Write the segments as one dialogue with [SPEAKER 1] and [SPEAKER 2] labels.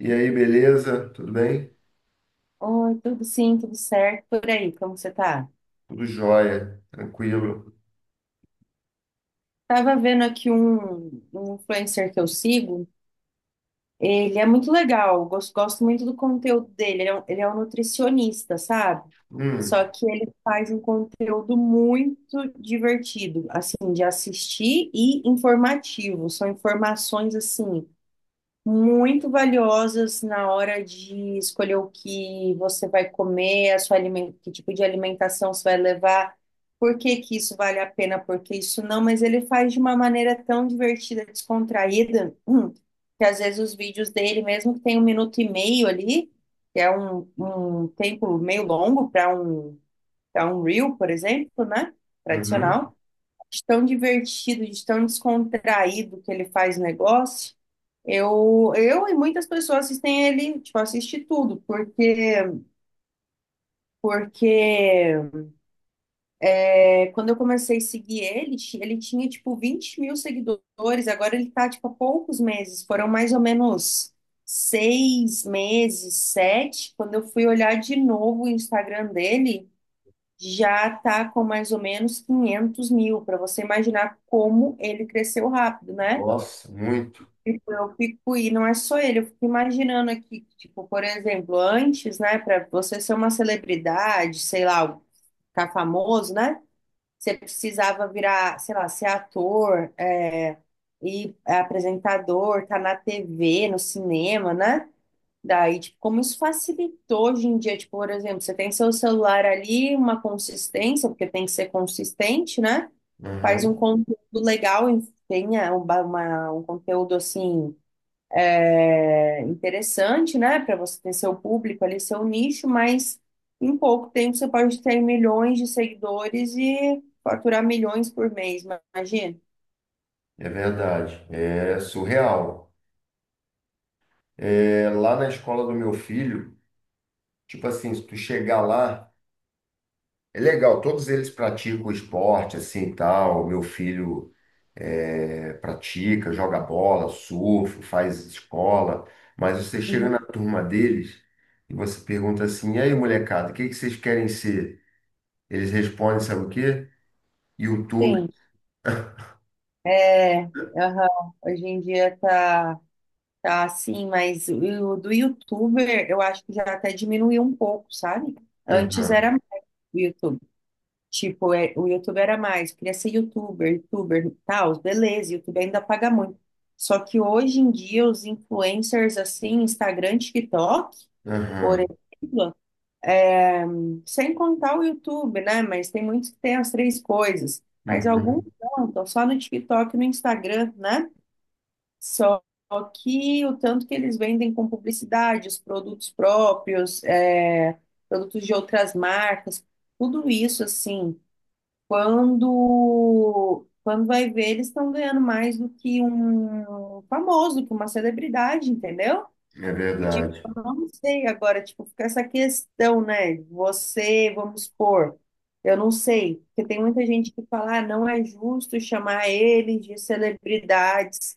[SPEAKER 1] E aí, beleza? Tudo bem?
[SPEAKER 2] Oi, tudo sim, tudo certo. Por aí, como você tá?
[SPEAKER 1] Tudo jóia, tranquilo.
[SPEAKER 2] Tava vendo aqui um influencer que eu sigo. Ele é muito legal, gosto muito do conteúdo dele. Ele é um nutricionista, sabe?
[SPEAKER 1] Hum.
[SPEAKER 2] Só que ele faz um conteúdo muito divertido, assim, de assistir e informativo. São informações, assim, muito valiosas na hora de escolher o que você vai comer, que tipo de alimentação você vai levar, por que que isso vale a pena, por que isso não, mas ele faz de uma maneira tão divertida, descontraída, que às vezes os vídeos dele, mesmo que tenha um minuto e meio ali, um tempo meio longo para um reel, por exemplo, né?
[SPEAKER 1] Uhum.
[SPEAKER 2] Tradicional, de tão divertido, de tão descontraído que ele faz o negócio. Eu e muitas pessoas assistem ele, tipo, assiste tudo, porque é, quando eu comecei a seguir ele, ele tinha, tipo, 20 mil seguidores, agora ele tá, tipo, há poucos meses, foram mais ou menos seis meses, sete, quando eu fui olhar de novo o Instagram dele, já tá com mais ou menos 500 mil, para você imaginar como ele cresceu rápido, né?
[SPEAKER 1] Nossa, muito.
[SPEAKER 2] Tipo, eu fico, e não é só ele, eu fico imaginando aqui, tipo, por exemplo, antes, né, para você ser uma celebridade, sei lá, ficar famoso, né, você precisava virar, sei lá, ser ator, é, é apresentador, tá na TV, no cinema, né? Daí, tipo, como isso facilitou hoje em dia, tipo, por exemplo, você tem seu celular ali, uma consistência, porque tem que ser consistente, né? Faz um
[SPEAKER 1] Uhum.
[SPEAKER 2] conteúdo legal, e tenha um conteúdo assim é interessante, né, para você ter seu público ali, seu nicho, mas em pouco tempo você pode ter milhões de seguidores e faturar milhões por mês, imagina.
[SPEAKER 1] É verdade. É surreal. É, lá na escola do meu filho, tipo assim, se tu chegar lá, é legal, todos eles praticam esporte, assim, e tal. Meu filho é, pratica, joga bola, surfa, faz escola, mas você chega
[SPEAKER 2] Uhum.
[SPEAKER 1] na turma deles e você pergunta assim, e aí, molecada, o que que vocês querem ser? Eles respondem, sabe o quê? YouTube.
[SPEAKER 2] Sim, é, aham, hoje em dia tá, tá assim, mas o do YouTuber eu acho que já até diminuiu um pouco, sabe? Antes
[SPEAKER 1] Aham,
[SPEAKER 2] era mais o YouTube. Tipo, é, o YouTube era mais, queria ser YouTuber, YouTuber, tal, beleza, YouTube ainda paga muito. Só que hoje em dia os influencers assim, Instagram, TikTok, por
[SPEAKER 1] aham,
[SPEAKER 2] exemplo, sem contar o YouTube, né? Mas tem muitos que têm as três coisas. Mas alguns
[SPEAKER 1] uhum.
[SPEAKER 2] não, estão só no TikTok e no Instagram, né? Só que o tanto que eles vendem com publicidade, os produtos próprios, é, produtos de outras marcas, tudo isso assim. Quando vai ver, eles estão ganhando mais do que um famoso, que uma celebridade, entendeu?
[SPEAKER 1] É
[SPEAKER 2] E, tipo,
[SPEAKER 1] verdade.
[SPEAKER 2] eu não sei agora, tipo, fica essa questão, né? Você, vamos supor, eu não sei, porque tem muita gente que fala, ah, não é justo chamar eles de celebridades.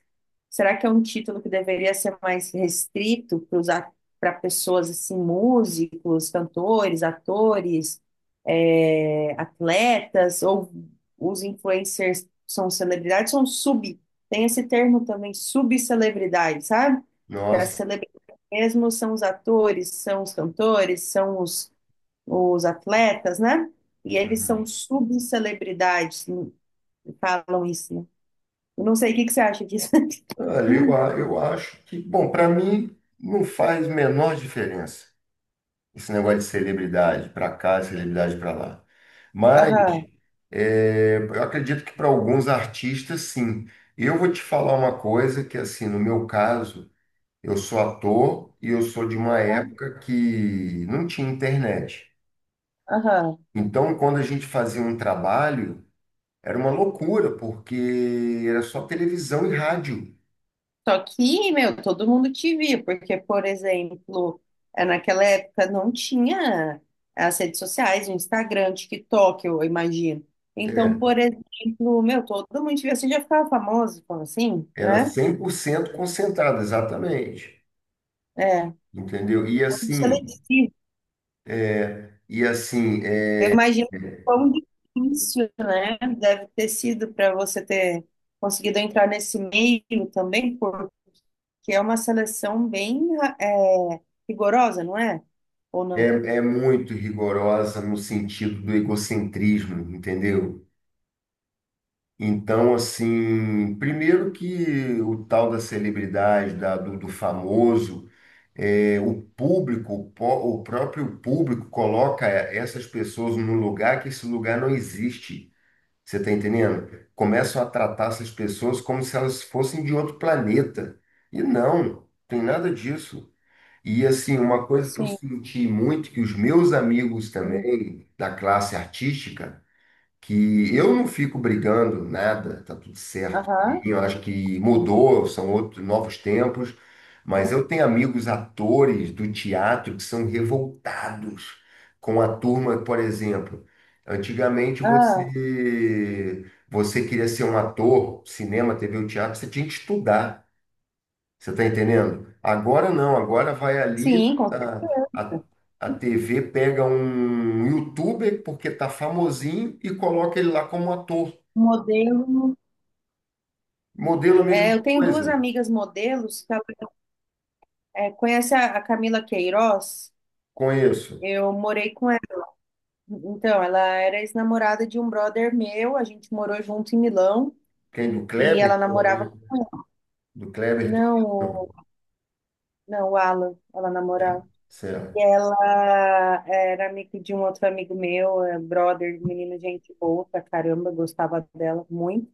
[SPEAKER 2] Será que é um título que deveria ser mais restrito para usar para pessoas assim, músicos, cantores, atores, eh, atletas, ou os influencers são celebridades, tem esse termo também, subcelebridades, sabe? Que é a
[SPEAKER 1] Nossa.
[SPEAKER 2] mesmo, são os atores, são os cantores, os atletas, né? E eles são
[SPEAKER 1] Uhum.
[SPEAKER 2] subcelebridades, falam isso, né? Eu não sei o que que você acha disso.
[SPEAKER 1] Olha, eu acho que, bom, para mim não faz menor diferença esse negócio de celebridade para cá, celebridade para lá. Mas
[SPEAKER 2] Aham,
[SPEAKER 1] é, eu acredito que para alguns artistas, sim. Eu vou te falar uma coisa que, assim, no meu caso, eu sou ator e eu sou de uma época que não tinha internet.
[SPEAKER 2] aham.
[SPEAKER 1] Então, quando a gente fazia um trabalho, era uma loucura, porque era só televisão e rádio.
[SPEAKER 2] Só que, meu, todo mundo te via, porque, por exemplo, é, naquela época não tinha as redes sociais, o Instagram, o TikTok, eu imagino. Então,
[SPEAKER 1] É,
[SPEAKER 2] por exemplo, meu, todo mundo te via, você já ficava famoso, como assim,
[SPEAKER 1] era
[SPEAKER 2] né?
[SPEAKER 1] 100% concentrado, exatamente.
[SPEAKER 2] É,
[SPEAKER 1] Entendeu?
[SPEAKER 2] muito seletivo.
[SPEAKER 1] E assim, é,
[SPEAKER 2] Eu imagino quão difícil, né? Deve ter sido para você ter conseguido entrar nesse meio também, porque é uma seleção bem é, rigorosa, não é? Ou
[SPEAKER 1] é,
[SPEAKER 2] não?
[SPEAKER 1] é muito rigorosa no sentido do egocentrismo, entendeu? Então, assim, primeiro que o tal da celebridade, do famoso, é, o público, o próprio público coloca essas pessoas num lugar que esse lugar não existe. Você está entendendo? Começam a tratar essas pessoas como se elas fossem de outro planeta. E não, tem nada disso. E assim, uma coisa que eu
[SPEAKER 2] Sim.
[SPEAKER 1] senti muito, que os meus amigos
[SPEAKER 2] Hum.
[SPEAKER 1] também da classe artística, que eu não fico brigando nada, tá tudo certo. E
[SPEAKER 2] Aham.
[SPEAKER 1] eu acho que mudou, são outros novos tempos, mas eu tenho amigos atores do teatro que são revoltados com a turma, por exemplo. Antigamente
[SPEAKER 2] Ah,
[SPEAKER 1] você queria ser um ator, cinema, TV ou teatro, você tinha que estudar. Você está entendendo? Agora não, agora vai ali,
[SPEAKER 2] sim, com certeza.
[SPEAKER 1] a TV pega um youtuber, porque tá famosinho, e coloca ele lá como ator.
[SPEAKER 2] Modelo.
[SPEAKER 1] Modelo a mesma
[SPEAKER 2] É, eu tenho duas
[SPEAKER 1] coisa.
[SPEAKER 2] amigas modelos que ela, é, conhece a Camila Queiroz?
[SPEAKER 1] Conheço.
[SPEAKER 2] Eu morei com ela. Então, ela era ex-namorada de um brother meu, a gente morou junto em Milão.
[SPEAKER 1] Quem? Do
[SPEAKER 2] E ela
[SPEAKER 1] Kleber? Não, né?
[SPEAKER 2] namorava com ele.
[SPEAKER 1] Do Kleber Toledo?
[SPEAKER 2] Não, o-
[SPEAKER 1] Não.
[SPEAKER 2] não, o Alan, ela namorava. E
[SPEAKER 1] Certo.
[SPEAKER 2] ela era amiga de um outro amigo meu, é, brother, menino, gente boa pra caramba, gostava dela muito.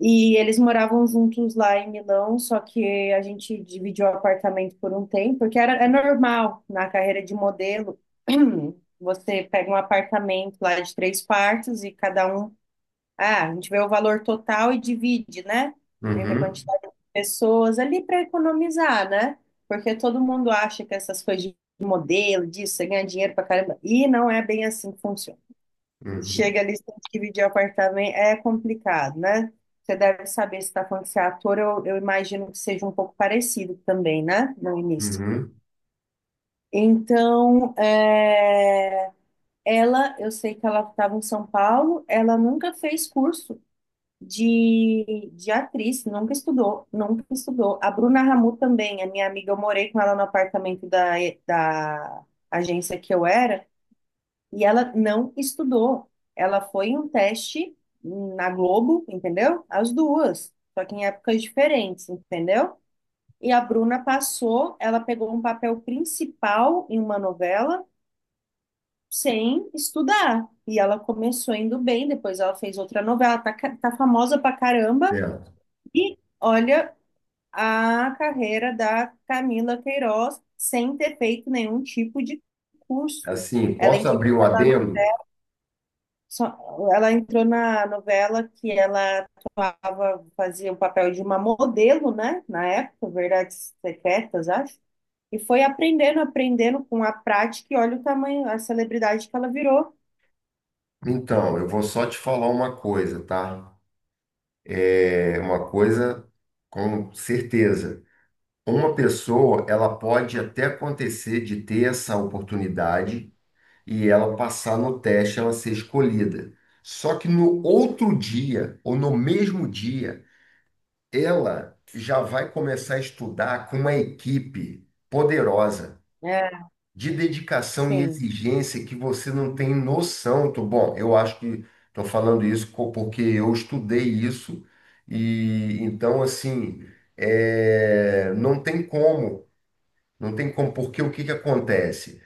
[SPEAKER 2] E eles moravam juntos lá em Milão, só que a gente dividiu o apartamento por um tempo, porque era, é normal na carreira de modelo, você pega um apartamento lá de três quartos e cada um. Ah, a gente vê o valor total e divide, né? Entre a
[SPEAKER 1] Uhum,
[SPEAKER 2] quantidade de pessoas ali para economizar, né? Porque todo mundo acha que essas coisas de modelo, disso, você ganha dinheiro pra caramba. E não é bem assim que funciona.
[SPEAKER 1] uhum,
[SPEAKER 2] Chega ali, você tem que dividir apartamento, é complicado, né? Você deve saber se está falando que você é ator, eu imagino que seja um pouco parecido também, né? No início.
[SPEAKER 1] uhum.
[SPEAKER 2] Então, é, ela, eu sei que ela estava em São Paulo, ela nunca fez curso de atriz, nunca estudou, nunca estudou. A Bruna Ramu também, a minha amiga, eu morei com ela no apartamento da, da agência que eu era, e ela não estudou. Ela foi em um teste na Globo, entendeu? As duas, só que em épocas diferentes, entendeu? E a Bruna passou, ela pegou um papel principal em uma novela sem estudar. E ela começou indo bem, depois ela fez outra novela, tá, tá famosa pra caramba,
[SPEAKER 1] Certo.
[SPEAKER 2] e olha a carreira da Camila Queiroz sem ter feito nenhum tipo de curso.
[SPEAKER 1] Assim,
[SPEAKER 2] Ela
[SPEAKER 1] posso
[SPEAKER 2] entrou
[SPEAKER 1] abrir um
[SPEAKER 2] naquela,
[SPEAKER 1] adendo?
[SPEAKER 2] só- ela entrou na novela que ela tava, fazia o papel de uma modelo, né? Na época, Verdades Secretas, acho. E foi aprendendo, aprendendo com a prática e olha o tamanho, a celebridade que ela virou.
[SPEAKER 1] Então, eu vou só te falar uma coisa, tá? É uma coisa, com certeza. Uma pessoa, ela pode até acontecer de ter essa oportunidade e ela passar no teste, ela ser escolhida. Só que no outro dia, ou no mesmo dia, ela já vai começar a estudar com uma equipe poderosa,
[SPEAKER 2] É,
[SPEAKER 1] de dedicação e
[SPEAKER 2] sim.
[SPEAKER 1] exigência que você não tem noção. Tô, bom, eu acho que estou falando isso co- porque eu estudei isso e então, assim, é, não tem como. Não tem como, porque o que que acontece?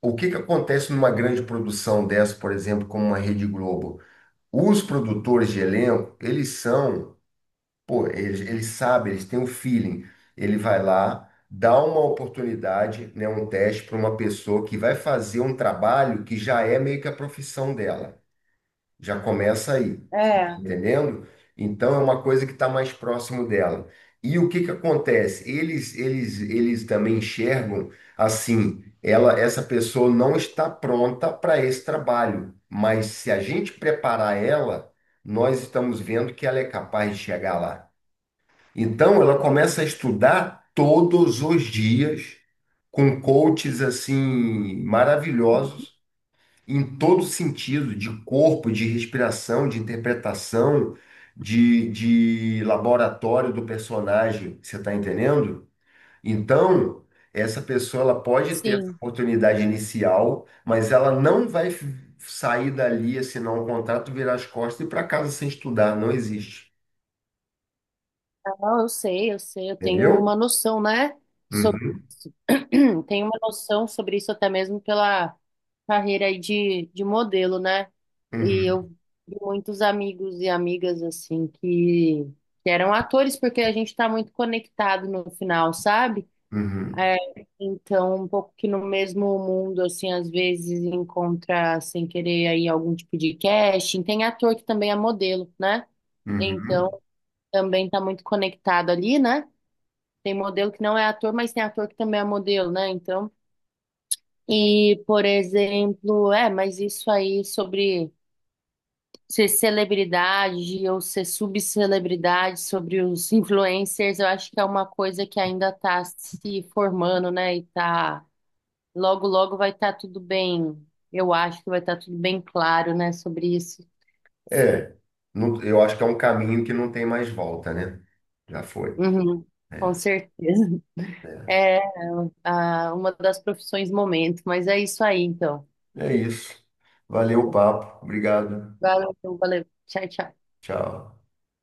[SPEAKER 1] O que que acontece numa grande produção dessa, por exemplo, como uma Rede Globo? Os produtores de elenco, eles são, pô, eles sabem, eles têm um feeling. Ele vai lá, dá uma oportunidade, né, um teste para uma pessoa que vai fazer um trabalho que já é meio que a profissão dela. Já começa aí, você está
[SPEAKER 2] É.
[SPEAKER 1] entendendo? Então é uma coisa que está mais próximo dela. E o que que acontece? Eles também enxergam assim, ela, essa pessoa não está pronta para esse trabalho, mas se a gente preparar ela, nós estamos vendo que ela é capaz de chegar lá. Então ela começa a estudar todos os dias com coaches assim maravilhosos em todo sentido, de corpo, de respiração, de interpretação, de laboratório do personagem, você está entendendo? Então, essa pessoa ela pode ter essa
[SPEAKER 2] Sim.
[SPEAKER 1] oportunidade inicial, mas ela não vai f- sair dali, assinar um contrato, virar as costas e ir para casa sem estudar, não existe,
[SPEAKER 2] Não, eu sei, eu sei, eu tenho
[SPEAKER 1] entendeu?
[SPEAKER 2] uma noção, né, sobre
[SPEAKER 1] Uhum,
[SPEAKER 2] isso. Tenho uma noção sobre isso até mesmo pela carreira aí de modelo, né? E
[SPEAKER 1] uhum,
[SPEAKER 2] eu vi muitos amigos e amigas, assim, que eram atores, porque a gente está muito conectado no final, sabe?
[SPEAKER 1] uhum,
[SPEAKER 2] É, então, um pouco que no mesmo mundo, assim, às vezes encontra, sem querer, aí algum tipo de casting. Tem ator que também é modelo, né? Então,
[SPEAKER 1] uhum.
[SPEAKER 2] também está muito conectado ali, né? Tem modelo que não é ator, mas tem ator que também é modelo, né? Então, e por exemplo, é, mas isso aí sobre ser celebridade ou ser subcelebridade, sobre os influencers, eu acho que é uma coisa que ainda está se formando, né? E tá, logo, logo vai estar tudo bem, eu acho que vai estar tudo bem claro, né, sobre isso.
[SPEAKER 1] É, não, eu acho que é um caminho que não tem mais volta, né? Já foi.
[SPEAKER 2] Uhum, com
[SPEAKER 1] É.
[SPEAKER 2] certeza.
[SPEAKER 1] É.
[SPEAKER 2] É, ah, uma das profissões momento, mas é isso aí, então.
[SPEAKER 1] É isso. Valeu o papo. Obrigado.
[SPEAKER 2] Valeu, valeu. Tchau, tchau.
[SPEAKER 1] Tchau.